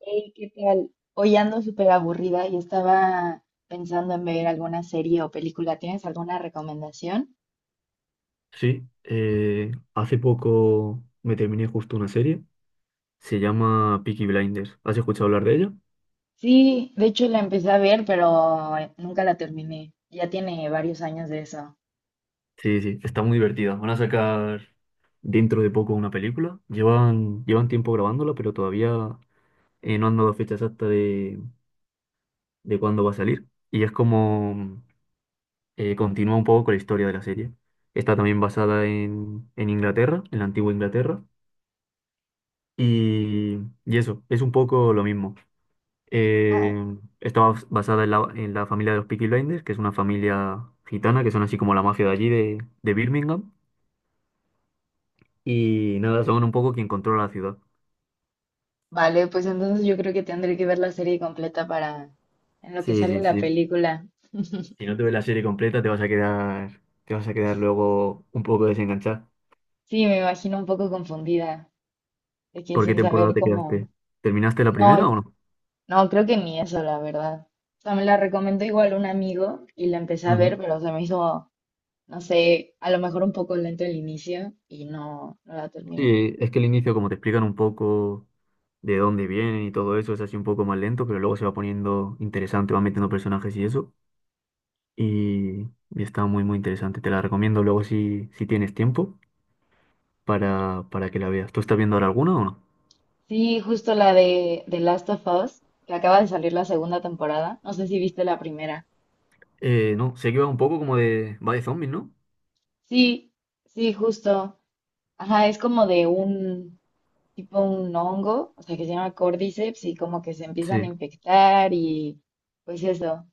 Hey, ¿qué tal? Hoy ando súper aburrida y estaba pensando en ver alguna serie o película. ¿Tienes alguna recomendación? Sí, hace poco me terminé justo una serie, se llama Peaky Blinders. ¿Has escuchado hablar de ella? Sí, de hecho la empecé a ver, pero nunca la terminé. Ya tiene varios años de eso. Sí, sí, está muy divertida. Van a sacar dentro de poco una película. Llevan tiempo grabándola, pero todavía no han dado fecha exacta de cuándo va a salir. Y es como continúa un poco con la historia de la serie. Está también basada en Inglaterra, en la antigua Inglaterra. Y, y eso, es un poco lo mismo. Ah, Eh, Está basada en la familia de los Peaky Blinders, que es una familia gitana, que son así como la mafia de allí, de Birmingham. Y nada, son un poco quien controla la ciudad. vale, pues entonces yo creo que tendré que ver la serie completa para en lo que Sí, sale sí, la sí. película. Si no te ves la serie completa, te vas a quedar luego un poco desenganchado. Sí, me imagino un poco confundida, de que ¿Por qué sin temporada saber te cómo. quedaste? ¿Terminaste la primera No, o no? no, creo que ni eso, la verdad. O sea, me la recomendó igual un amigo y la empecé a ver, Ujú. pero se me hizo no sé, a lo mejor un poco lento el inicio y no, no la terminé. Sí, es que el inicio, como te explican un poco de dónde vienen y todo eso, es así un poco más lento, pero luego se va poniendo interesante, va metiendo personajes y eso. y, y está muy, muy interesante. Te la recomiendo luego si tienes tiempo para que la veas. ¿Tú estás viendo ahora alguna o no? Sí, justo la de The Last of Us, que acaba de salir la segunda temporada. No sé si viste la primera. No, sé que va un poco como de va de zombies, ¿no? Sí, sí, justo. Ajá, es como de un tipo un hongo, o sea, que se llama Cordyceps y como que se empiezan a Sí. infectar y pues eso.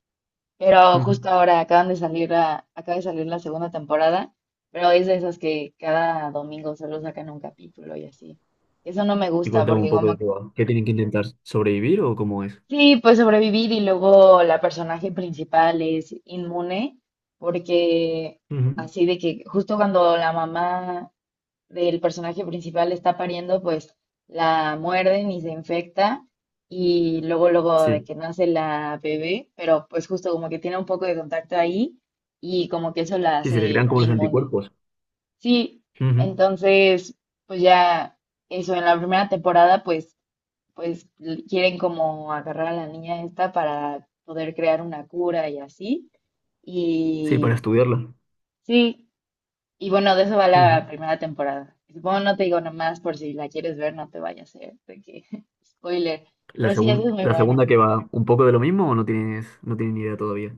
Pero Ujú. justo ahora acaban de salir la, acaba de salir la segunda temporada, pero es de esas que cada domingo solo sacan un capítulo y así. Eso no me Y gusta cuéntame un porque poco de como qué va. ¿Qué tienen que intentar? ¿Sobrevivir o cómo es? sí, pues sobrevivir y luego la personaje principal es inmune, porque Ujú. así de que justo cuando la mamá del personaje principal está pariendo, pues la muerden y se infecta y luego luego de Sí. que nace la bebé, pero pues justo como que tiene un poco de contacto ahí y como que eso la Sí, se le crean hace como los inmune. anticuerpos. Sí, Ujú. entonces pues ya eso en la primera temporada pues pues quieren como agarrar a la niña esta para poder crear una cura y así. Sí, para Y estudiarla. sí, y bueno, de eso va Ujú. la primera temporada. Bueno, no te digo nomás por si la quieres ver, no te vayas a hacer de que spoiler, La pero sí, esa es segun- muy la buena. segunda que va un poco de lo mismo o no tienes ni idea todavía.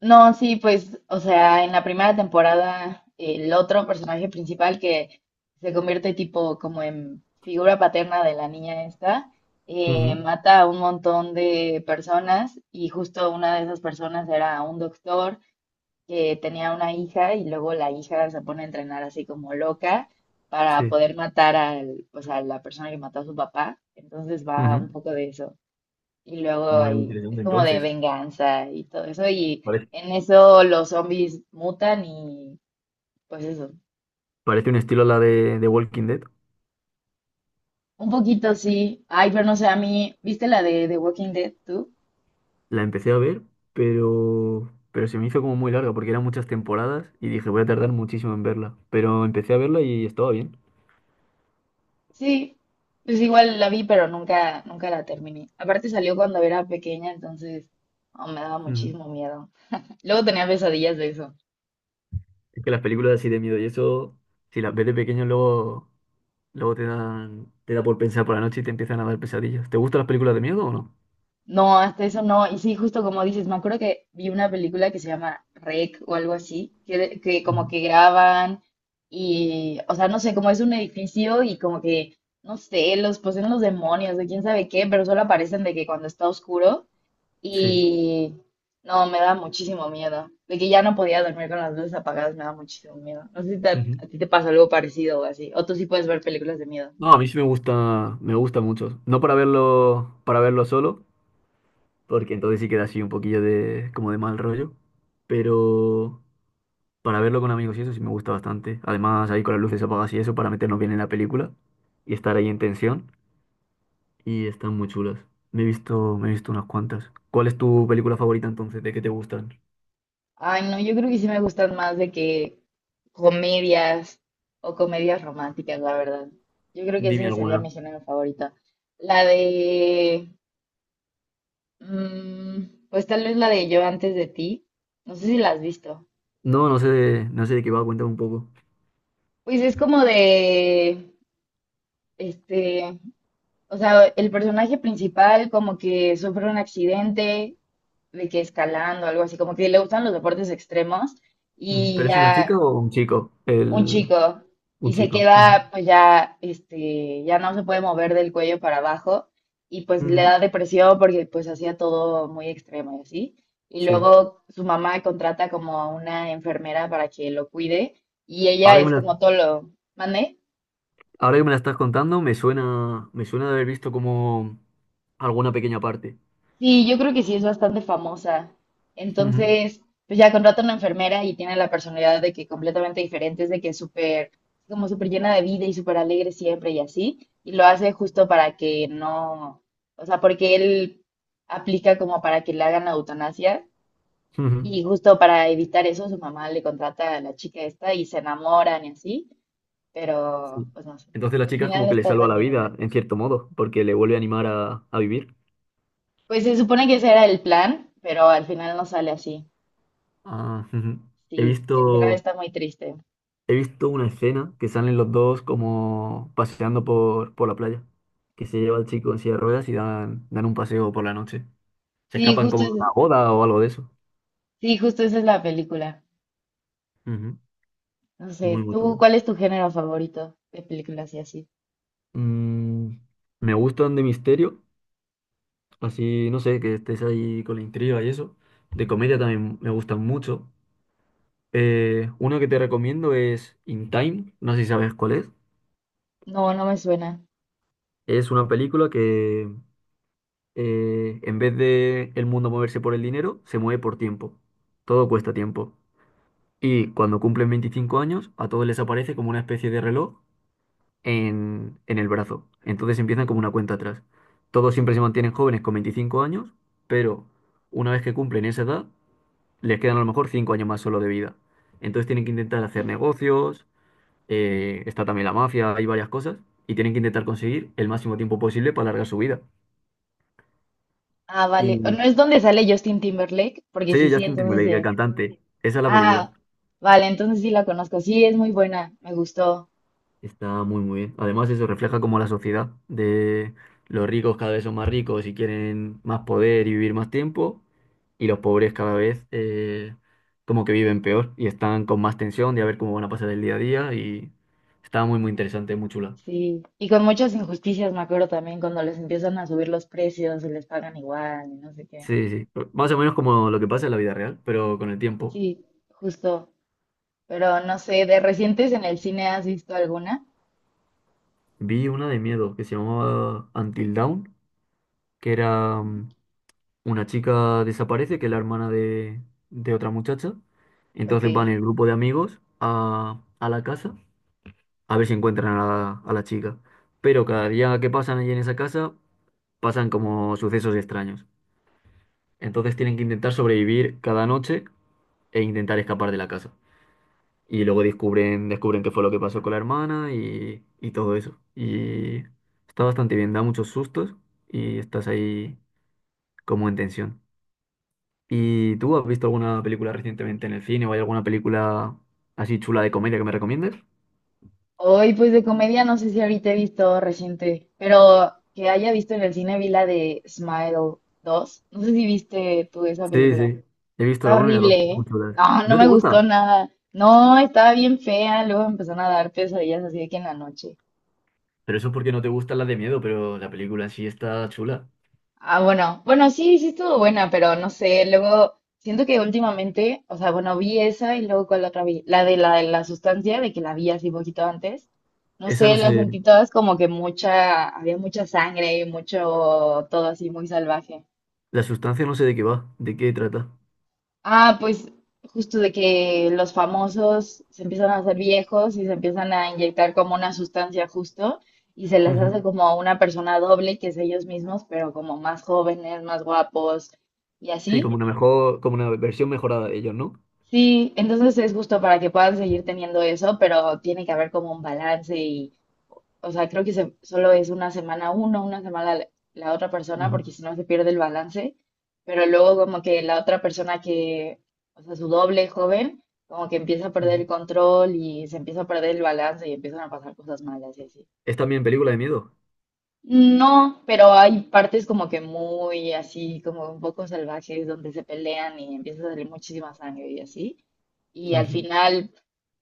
No, sí, pues, o sea, en la primera temporada, el otro personaje principal que se convierte tipo como en figura paterna de la niña esta, Ujú. mata a un montón de personas y justo una de esas personas era un doctor que tenía una hija y luego la hija se pone a entrenar así como loca para Sí. poder matar al, pues, a la persona que mató a su papá. Entonces va un Ujú. poco de eso y luego Muy, muy ahí es interesante como de entonces. venganza y todo eso. Y Parece, en eso los zombies mutan y pues eso. parece un estilo a la de Walking Dead. Un poquito sí. Ay, pero no sé, a mí, ¿viste la de The Walking Dead tú? La empecé a ver, pero se me hizo como muy larga porque eran muchas temporadas y dije, voy a tardar muchísimo en verla. Pero empecé a verla y estaba bien. Sí, pues igual la vi, pero nunca, nunca la terminé. Aparte salió cuando era pequeña, entonces oh, me daba Ujú. muchísimo miedo. Luego tenía pesadillas de eso. Es que las películas así de miedo y eso, si las ves de pequeño, luego te dan, te da por pensar por la noche y te empiezan a dar pesadillas. ¿Te gustan las películas de miedo o no? No, hasta eso no. Y sí, justo como dices, me acuerdo que vi una película que se llama Rec o algo así, que como Ujú. que graban y, o sea, no sé, como es un edificio y como que, no sé, los poseen los demonios de quién sabe qué, pero solo aparecen de que cuando está oscuro Sí. y no, me da muchísimo miedo. De que ya no podía dormir con las luces apagadas, me da muchísimo miedo. No sé si Ujú. a ti te pasa algo parecido o así, o tú sí puedes ver películas de miedo. No, a mí sí me gusta mucho. No para verlo solo, porque entonces sí queda así un poquillo de, como de mal rollo. Pero para verlo con amigos y eso sí me gusta bastante. Además, ahí con las luces apagadas y eso para meternos bien en la película y estar ahí en tensión. Y están muy chulas. Me he visto unas cuantas. ¿Cuál es tu película favorita entonces? ¿De qué te gustan? Ay, no, yo creo que sí me gustan más de que comedias o comedias románticas, la verdad. Yo creo que Dime ese sería alguna. mi género favorito. La de, pues tal vez la de Yo antes de ti. No sé si la has visto. No, no sé de, no sé de qué va, cuéntame un poco. Pues es como de, este, o sea, el personaje principal como que sufre un accidente, de que escalando, algo así, como que le gustan los deportes extremos Ujú. y ¿Pero es una ya chica o un chico? un El, chico y un se chico. Ujú. queda pues ya este ya no se puede mover del cuello para abajo y pues le Ujú. da depresión porque pues hacía todo muy extremo y así. Y Sí. luego su mamá contrata como a una enfermera para que lo cuide y ella Ahora que me es la, como tolo, ¿mande? ahora que me la estás contando, me suena de haber visto como alguna pequeña parte. Sí, yo creo que sí es bastante famosa. Ujú. Entonces, pues ya contrata una enfermera y tiene la personalidad de que completamente diferente, es de que es súper, como súper llena de vida y súper alegre siempre y así. Y lo hace justo para que no, o sea, porque él aplica como para que le hagan la eutanasia Ujú. y justo para evitar eso su mamá le contrata a la chica esta y se enamoran y así, Sí. pero pues no sé. Entonces la Al chica es final como que le está salva tan la lleno. vida, en cierto modo, porque le vuelve a animar a vivir. Pues se supone que ese era el plan, pero al final no sale así. Ah, ujú. He Sí, el final visto, está muy triste. he visto una escena que salen los dos como paseando por la playa, que se lleva al chico en silla de ruedas y dan un paseo por la noche. Se Sí, escapan justo como es- de una boda o algo de eso. sí, justo esa es la película. Ujú. No sé, Muy, muy ¿tú chula. cuál es tu género favorito de películas y así? Mm, me gustan de misterio, así, no sé, que estés ahí con la intriga y eso. De comedia también me gustan mucho. Uno que te recomiendo es In Time, no sé si sabes cuál es. No, no me suena. Es una película que en vez de el mundo moverse por el dinero, se mueve por tiempo. Todo cuesta tiempo. Y cuando cumplen 25 años, a todos les aparece como una especie de reloj en el brazo. Entonces empiezan como una cuenta atrás. Todos siempre se mantienen jóvenes con 25 años, pero una vez que cumplen esa edad, les quedan a lo mejor 5 años más solo de vida. Entonces tienen que intentar hacer negocios. Está también la mafia, hay varias cosas, y tienen que intentar conseguir el máximo tiempo posible para alargar su vida. Ah, vale. ¿O Y ¿no es donde sale Justin Timberlake? Porque sí, sí, sí, Justin entonces sí Timberlake, el es. cantante, esa es la película. Ah, vale, entonces sí la conozco. Sí, es muy buena, me gustó. Está muy, muy bien. Además, eso refleja como la sociedad de los ricos cada vez son más ricos y quieren más poder y vivir más tiempo, y los pobres cada vez como que viven peor y están con más tensión de a ver cómo van a pasar el día a día y está muy, muy interesante, muy chula. Sí. Y con muchas injusticias, me acuerdo también, cuando les empiezan a subir los precios y les pagan igual y no sé qué. Sí, sí, más o menos como lo que pasa en la vida real, pero con el tiempo. Sí, justo. Pero no sé, ¿de recientes en el cine has visto alguna? Vi una de miedo que se llamaba Until Dawn, que era una chica desaparece, que es la hermana de, otra muchacha. Ok. Entonces van el grupo de amigos a, la casa a ver si encuentran a la chica. Pero cada día que pasan allí en esa casa pasan como sucesos extraños. Entonces tienen que intentar sobrevivir cada noche e intentar escapar de la casa. Y luego descubren qué fue lo que pasó con la hermana y todo eso. Y está bastante bien, da muchos sustos y estás ahí como en tensión. ¿Y tú has visto alguna película recientemente en el cine o hay alguna película así chula de comedia que me recomiendes? Hoy, pues de comedia, no sé si ahorita he visto reciente, pero que haya visto en el cine vi la de Smile 2. No sé si viste tú esa Sí, película. sí. He visto la Está 1 y la horrible, 2 muy ¿eh? chulas. No, no ¿No te me gustó gusta? nada. No, estaba bien fea. Luego empezaron a dar pesadillas así de que en la noche. Pero eso es porque no te gustan las de miedo, pero la película en sí está chula. Ah, bueno, bueno, sí, sí estuvo buena, pero no sé, luego siento que últimamente, o sea, bueno, vi esa y luego con la otra vi, la de la, de la sustancia, de que la vi así poquito antes, no Esa sé, no las sé, sentí todas como que mucha, había mucha sangre y mucho, todo así muy salvaje. la sustancia no sé de qué va, de qué trata. Ah, pues justo de que los famosos se empiezan a hacer viejos y se empiezan a inyectar como una sustancia justo y se les hace Ujú. como una persona doble que es ellos mismos, pero como más jóvenes, más guapos y Sí, como así. una mejor, como una versión mejorada de ellos, ¿no? Sí, entonces es justo para que puedan seguir teniendo eso, pero tiene que haber como un balance y, o sea, creo que solo es una semana uno, una semana la, la otra persona, Ujú. porque si no se pierde el balance, pero luego como que la otra persona que, o sea, su doble joven, como que empieza a perder el Ujú. control y se empieza a perder el balance y empiezan a pasar cosas malas y así. Es también película de miedo. No, pero hay partes como que muy así, como un poco salvajes, donde se pelean y empieza a salir muchísima sangre y así. Y al Ujú, final,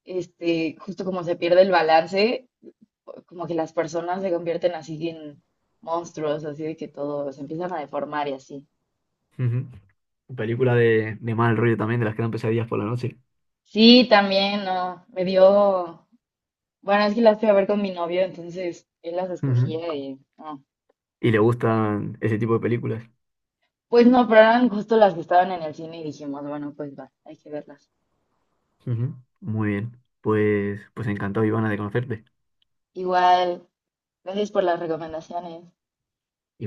justo como se pierde el balance, como que las personas se convierten así en monstruos, así de que todo se empiezan a deformar y así. ujú. Película de mal rollo también, de las que dan pesadillas por la noche. Sí, también, no, me dio, bueno, es que las fui a ver con mi novio, entonces él las Ujú. escogía y no. Y le gustan ese tipo de películas. Pues no, pero eran justo las que estaban en el cine y dijimos, bueno, pues va, hay que verlas. Ujú. Muy bien. Pues encantado, Ivana, de conocerte. Igual. Gracias por las recomendaciones. Y